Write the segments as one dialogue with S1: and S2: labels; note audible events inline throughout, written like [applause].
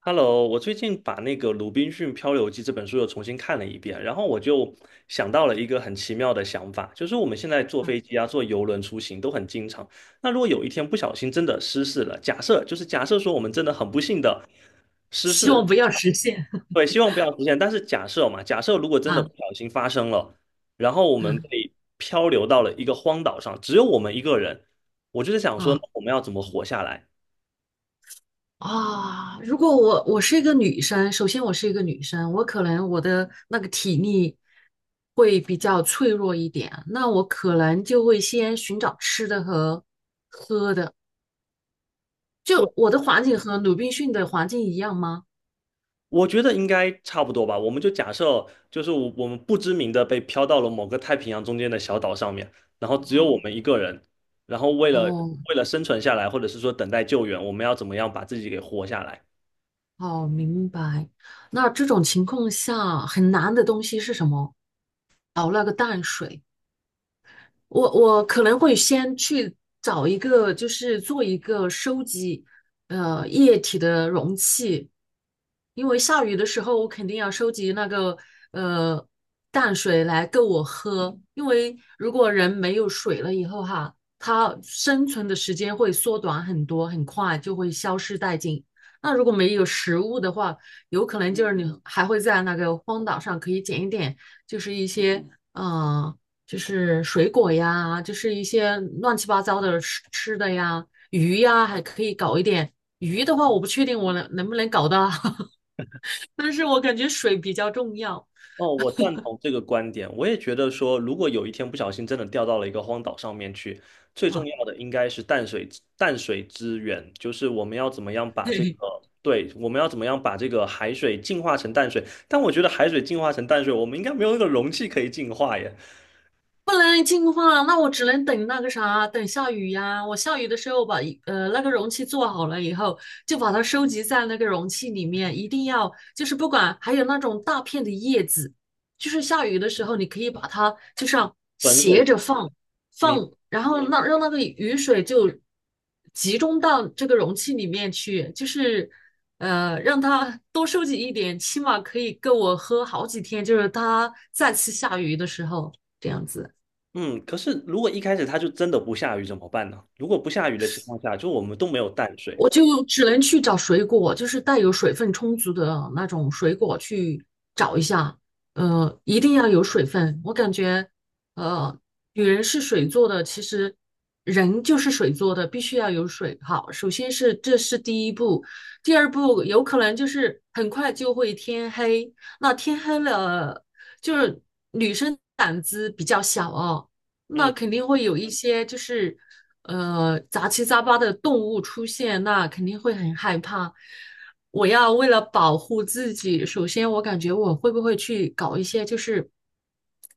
S1: Hello，我最近把那个《鲁滨逊漂流记》这本书又重新看了一遍，然后我就想到了一个很奇妙的想法，就是我们现在坐飞机啊、坐游轮出行都很经常。那如果有一天不小心真的失事了，假设说我们真的很不幸的失
S2: 希望
S1: 事，
S2: 不要实现。[laughs]
S1: 对，希望不要出现。但是假设嘛，假设如果真的不
S2: 啊
S1: 小心发生了，然后我们
S2: 嗯
S1: 被漂流到了一个荒岛上，只有我们一个人，我就是想说，那
S2: 嗯
S1: 我们要怎么活下来？
S2: 啊！如果我是一个女生，首先我是一个女生，我可能我的那个体力会比较脆弱一点，那我可能就会先寻找吃的和喝的。就我的环境和鲁滨逊的环境一样吗？
S1: 我觉得应该差不多吧。我们就假设，就是我们不知名的被飘到了某个太平洋中间的小岛上面，然后只有我
S2: 哦
S1: 们一个人，然后为了
S2: 哦，
S1: 为了生存下来，或者是说等待救援，我们要怎么样把自己给活下来？
S2: 好明白。那这种情况下，很难的东西是什么？熬那个淡水。我可能会先去找一个，就是做一个收集液体的容器，因为下雨的时候我肯定要收集那个呃淡水来够我喝，因为如果人没有水了以后哈，它生存的时间会缩短很多，很快就会消失殆尽。那如果没有食物的话，有可能就是你还会在那个荒岛上可以捡一点，就是一些嗯。呃就是水果呀，就是一些乱七八糟的吃吃的呀，鱼呀，还可以搞一点。鱼的话，我不确定我能不能搞到，[laughs] 但是我感觉水比较重要。
S1: 哦，我赞同这个观点。我也觉得说，如果有一天不小心真的掉到了一个荒岛上面去，最重
S2: 哈，
S1: 要的应该是淡水资源，就是我们要怎么样把这
S2: [laughs]
S1: 个，对，我们要怎么样把这个海水净化成淡水。但我觉得海水净化成淡水，我们应该没有那个容器可以净化耶。
S2: 不能净化，那我只能等那个啥，等下雨呀。我下雨的时候把那个容器做好了以后，就把它收集在那个容器里面，一定要就是不管还有那种大片的叶子，就是下雨的时候你可以把它就像
S1: 本
S2: 斜
S1: 水
S2: 着放
S1: 明，
S2: 放，然后那让那个雨水就集中到这个容器里面去，就是让它多收集一点，起码可以够我喝好几天，就是它再次下雨的时候这样子。
S1: 嗯，可是如果一开始它就真的不下雨怎么办呢？如果不下雨的情况下，就我们都没有淡水。
S2: 我就只能去找水果，就是带有水分充足的那种水果去找一下。呃，一定要有水分。我感觉，呃，女人是水做的，其实人就是水做的，必须要有水。好，首先是这是第一步，第二步有可能就是很快就会天黑。那天黑了，就是女生胆子比较小哦，那
S1: 嗯。
S2: 肯定会有一些就是，呃，杂七杂八的动物出现，那肯定会很害怕。我要为了保护自己，首先我感觉我会不会去搞一些就是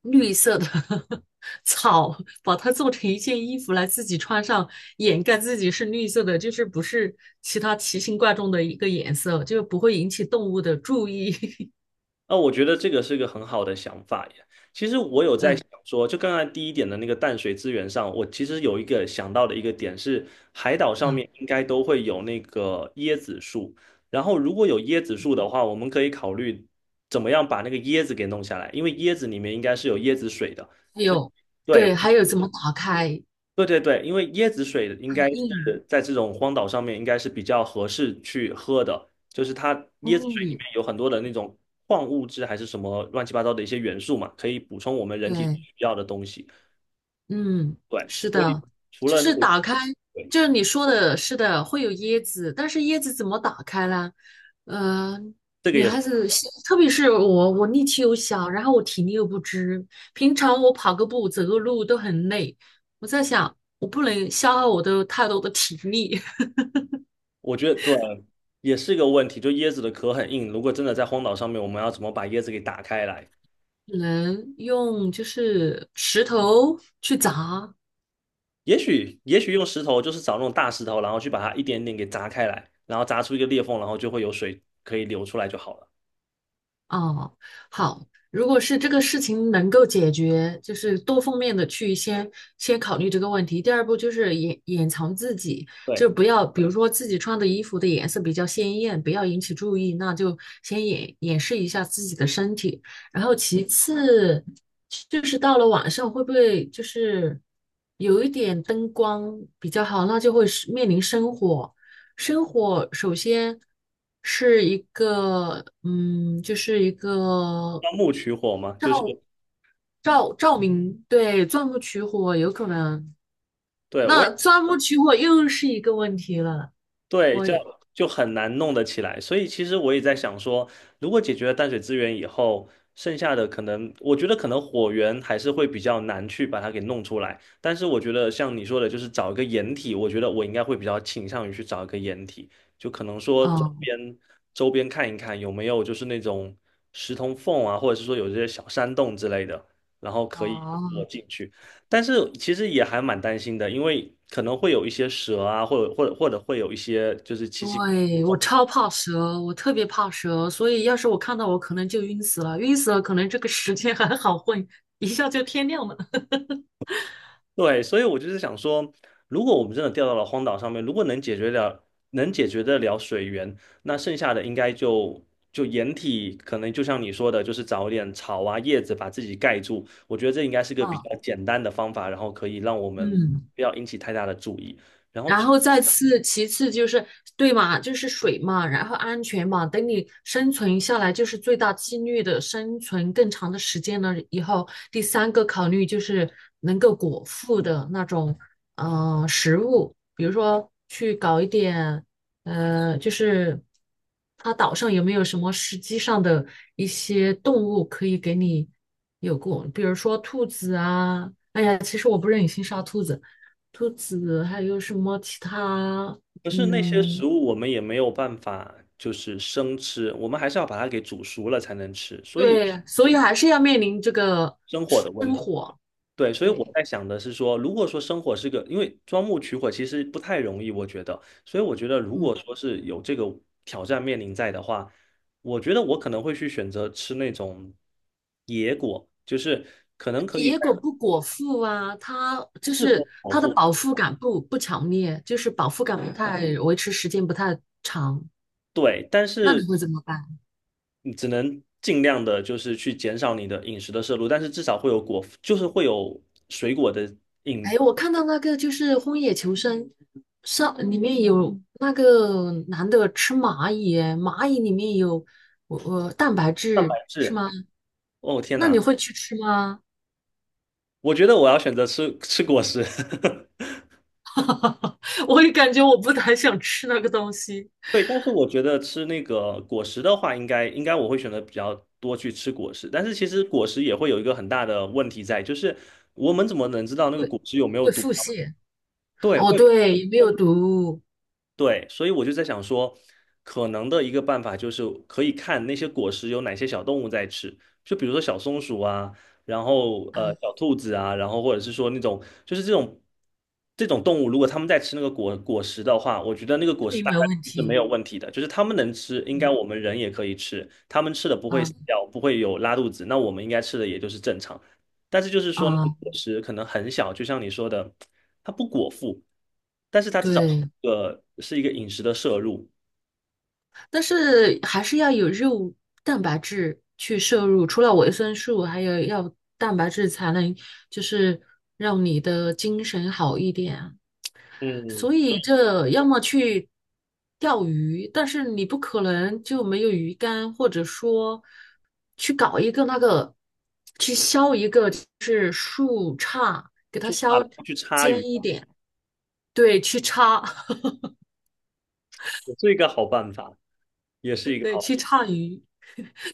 S2: 绿色的 [laughs] 草，把它做成一件衣服来自己穿上，掩盖自己是绿色的，就是不是其他奇形怪状的一个颜色，就不会引起动物的注意。[laughs]
S1: 那我觉得这个是个很好的想法耶。其实我有在
S2: 嗯
S1: 想说，就刚才第一点的那个淡水资源上，我其实有一个想到的一个点是，海岛上
S2: 啊，
S1: 面应该都会有那个椰子树，然后如果有椰子树的话，我们可以考虑怎么样把那个椰子给弄下来，因为椰子里面应该是有椰子水的，
S2: 还
S1: 所以
S2: 有对，
S1: 对，
S2: 还有怎么打开？
S1: 对对对，因为椰子水应
S2: 很
S1: 该
S2: 硬，
S1: 是在这种荒岛上面应该是比较合适去喝的，就是它椰子水里面
S2: 嗯。
S1: 有很多的那种矿物质还是什么乱七八糟的一些元素嘛，可以补充我们人体
S2: 对，
S1: 需要的东西。
S2: 嗯，
S1: 对，
S2: 是
S1: 所以
S2: 的，
S1: 除
S2: 就
S1: 了那个，
S2: 是打开，
S1: 对，
S2: 就是你说的，是的，会有椰子，但是椰子怎么打开呢？嗯，
S1: 这个
S2: 女
S1: 也是，
S2: 孩子特别是我，我力气又小，然后我体力又不支，平常我跑个步、走个路都很累，我在想，我不能消耗我的太多的体力，[laughs]
S1: 我觉得对，也是一个问题，就椰子的壳很硬，如果真的在荒岛上面，我们要怎么把椰子给打开来？
S2: 只能用就是石头去砸，
S1: 也许用石头，就是找那种大石头，然后去把它一点点给砸开来，然后砸出一个裂缝，然后就会有水可以流出来就好了。
S2: 哦，好，如果是这个事情能够解决，就是多方面的去先考虑这个问题。第二步就是掩藏自己，就
S1: 对。
S2: 不要，比如说自己穿的衣服的颜色比较鲜艳，不要引起注意，那就先掩饰一下自己的身体。然后其次就是到了晚上会不会就是有一点灯光比较好，那就会是面临生火。生火首先是一个，嗯，就是一个
S1: 钻木取火嘛，就是
S2: 照照明，对，钻木取火有可能。
S1: 对我
S2: 那
S1: 也
S2: 钻木取火又是一个问题了。
S1: 对，
S2: 我
S1: 这样
S2: 也，
S1: 就很难弄得起来。所以其实我也在想说，如果解决了淡水资源以后，剩下的可能，我觉得可能火源还是会比较难去把它给弄出来。但是我觉得像你说的，就是找一个掩体，我觉得我应该会比较倾向于去找一个掩体，就可能说周
S2: 嗯，
S1: 边周边看一看有没有就是那种石头缝啊，或者是说有这些小山洞之类的，然后可以躲
S2: 哦，
S1: 进去。但是其实也还蛮担心的，因为可能会有一些蛇啊，或者会有一些就是奇奇，
S2: 对，我超怕蛇，我特别怕蛇，所以要是我看到我可能就晕死了，晕死了可能这个时间还好混，一下就天亮了。
S1: 对，所以我就是想说，如果我们真的掉到了荒岛上面，如果能解决得了水源，那剩下的应该就掩体，可能就像你说的，就是找一点草啊叶子把自己盖住，我觉得这应该是个比
S2: 啊，
S1: 较简单的方法，然后可以让我们
S2: 嗯。
S1: 不要引起太大的注意。
S2: 然后再次，其次就是对嘛，就是水嘛，然后安全嘛。等你生存下来，就是最大几率的生存更长的时间了以后，第三个考虑就是能够果腹的那种食物，比如说去搞一点就是它岛上有没有什么实际上的一些动物可以给你有过，比如说兔子啊。兔子。兔子，还有什么其他？
S1: 可是那些
S2: 嗯，
S1: 食物我们也没有办法，就是生吃，我们还是要把它给煮熟了才能吃，所以
S2: 对，所以还是要面临这个，
S1: 生火的问题。对，所以我
S2: 对，
S1: 在想的是说，如果说生火是个，因为钻木取火其实不太容易，我觉得，所以我觉得如果
S2: 嗯，
S1: 说是有这个挑战面临在的话，我觉得我可能会去选择吃那种野果，就是可能可以
S2: 野
S1: 在
S2: 果不果腹啊，它就
S1: 适
S2: 是
S1: 合保
S2: 它的
S1: 护，
S2: 饱腹感不强烈，就是饱腹感不太维持时间不太长，
S1: 对，但
S2: 那你
S1: 是
S2: 会怎么办？
S1: 你只能尽量的，就是去减少你的饮食的摄入，但是至少会有果，就是会有水果的饮
S2: 哎，我看到那个就是《荒野求生》上里面有那个男的吃蚂蚁，蚂蚁里面有我蛋白
S1: 蛋白
S2: 质是
S1: 质。
S2: 吗？
S1: 哦，天
S2: 那你
S1: 哪，
S2: 会去吃吗？
S1: 我觉得我要选择吃果实。[laughs]
S2: [laughs] 我也感觉我不太想吃那个东西，
S1: 对，但是我觉得吃那个果实的话，应该我会选择比较多去吃果实。但是其实果实也会有一个很大的问题在，就是我们怎么能知道那个果实有没有
S2: 会
S1: 毒？
S2: 腹泻。
S1: 对，
S2: 哦，
S1: 会
S2: 对，没有毒，
S1: 对，所以我就在想说，可能的一个办法就是可以看那些果实有哪些小动物在吃，就比如说小松鼠啊，然后
S2: 嗯，
S1: 小兔子啊，然后或者是说那种就是这种动物，如果它们在吃那个果实的话，我觉得那个果
S2: 证
S1: 实
S2: 明
S1: 大概
S2: 没问
S1: 率是没
S2: 题，
S1: 有问题的，就是它们能吃，应该
S2: 嗯
S1: 我们人也可以吃，它们吃的不会
S2: 啊
S1: 死掉，不会有拉肚子，那我们应该吃的也就是正常。但是就是说那个
S2: 啊，
S1: 果实可能很小，就像你说的，它不果腹，但是它至少
S2: 对，
S1: 是一个饮食的摄入。
S2: 但是还是要有肉蛋白质去摄入，除了维生素，还有要蛋白质才能就是让你的精神好一点啊。
S1: 嗯，
S2: 所以这要么去钓鱼，但是你不可能就没有鱼竿，或者说去搞一个那个，去削一个就是树杈，给它
S1: 做
S2: 削
S1: 大了不去插
S2: 尖
S1: 鱼，
S2: 一点，对，去叉，
S1: 也是一个好办法，也
S2: [laughs]
S1: 是一个
S2: 对，
S1: 好。
S2: 去叉鱼。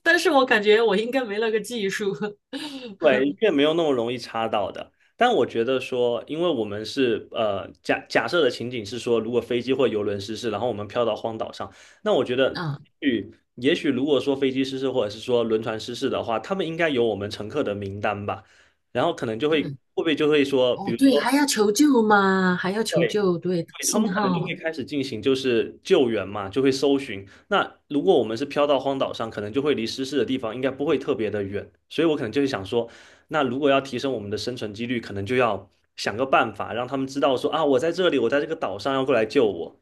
S2: 但是我感觉我应该没那个技术。[laughs]
S1: 对，越没有那么容易插到的。但我觉得说，因为我们是假设的情景是说，如果飞机或游轮失事，然后我们飘到荒岛上，那我觉得，
S2: 啊，
S1: 也也许如果说飞机失事或者是说轮船失事的话，他们应该有我们乘客的名单吧，然后可能就会会
S2: 嗯，
S1: 不会就会说，比
S2: 哦，
S1: 如
S2: 对，
S1: 说。
S2: 还要求救吗？还要求
S1: 对。
S2: 救，对，
S1: 对，他们
S2: 信
S1: 可能就会
S2: 号，
S1: 开始进行就是救援嘛，就会搜寻。那如果我们是飘到荒岛上，可能就会离失事的地方应该不会特别的远，所以我可能就是想说，那如果要提升我们的生存几率，可能就要想个办法，让他们知道说啊，我在这里，我在这个岛上，要过来救我，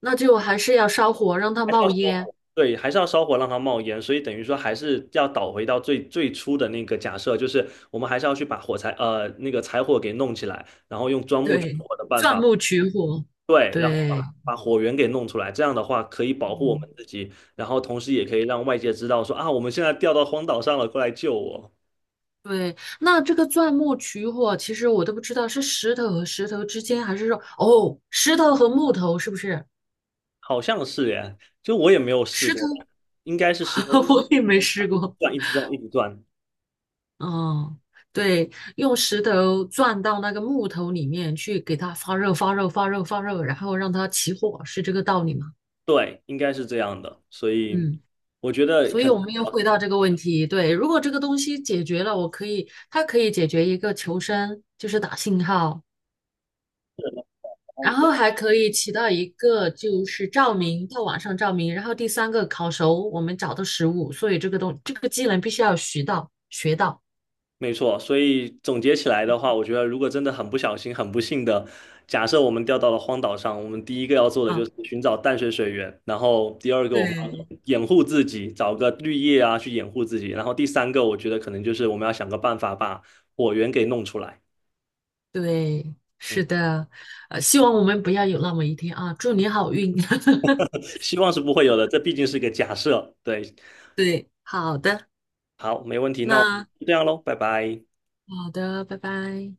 S2: 那就还是要烧火让它
S1: 还是要
S2: 冒
S1: 烧
S2: 烟。
S1: 火，对，还是要烧火让它冒烟，所以等于说还是要倒回到最最初的那个假设，就是我们还是要去把火柴那个柴火给弄起来，然后用钻木取
S2: 对，
S1: 火的办
S2: 钻
S1: 法。
S2: 木取火，
S1: 对，然后
S2: 对，
S1: 把火源给弄出来，这样的话可以保护我
S2: 嗯，
S1: 们自己，然后同时也可以让外界知道说啊，我们现在掉到荒岛上了，过来救我。
S2: 对。那这个钻木取火，其实我都不知道是石头和石头之间，还是说哦，石头和木头是不是？
S1: 好像是耶，就我也没有试
S2: 石
S1: 过，
S2: 头
S1: 应该是石头
S2: [laughs]
S1: 一
S2: 我也没试
S1: 直
S2: 过。
S1: 转一直转一直转，
S2: 嗯，对，用石头钻到那个木头里面去，给它发热、发热、发热、发热，然后让它起火，是这个道理吗？
S1: 对，应该是这样的。所以
S2: 嗯。
S1: 我觉得
S2: 所
S1: 可
S2: 以
S1: 能
S2: 我们要回到这个问题，对，如果这个东西解决了，我可以，它可以解决一个求生，就是打信号，然后还可以起到一个就是照明，到晚上照明。然后第三个烤熟我们找的食物，所以这个这个技能必须要学到
S1: 没错，所以总结起来的话，我觉得如果真的很不小心、很不幸的，假设我们掉到了荒岛上，我们第一个要做的就
S2: 啊。
S1: 是寻找淡水水源，然后第二个我们
S2: 对，
S1: 要掩护自己，找个绿叶啊去掩护自己，然后第三个我觉得可能就是我们要想个办法把火源给弄出来。
S2: 对，
S1: 嗯，
S2: 是的，呃，希望我们不要有那么一天啊！祝你好运。[laughs]
S1: 希望是不会有的，这毕竟是个假设。对，
S2: 对，好的，
S1: 好，没问题，那我
S2: 那
S1: 就这样喽，拜拜。
S2: 好的，拜拜。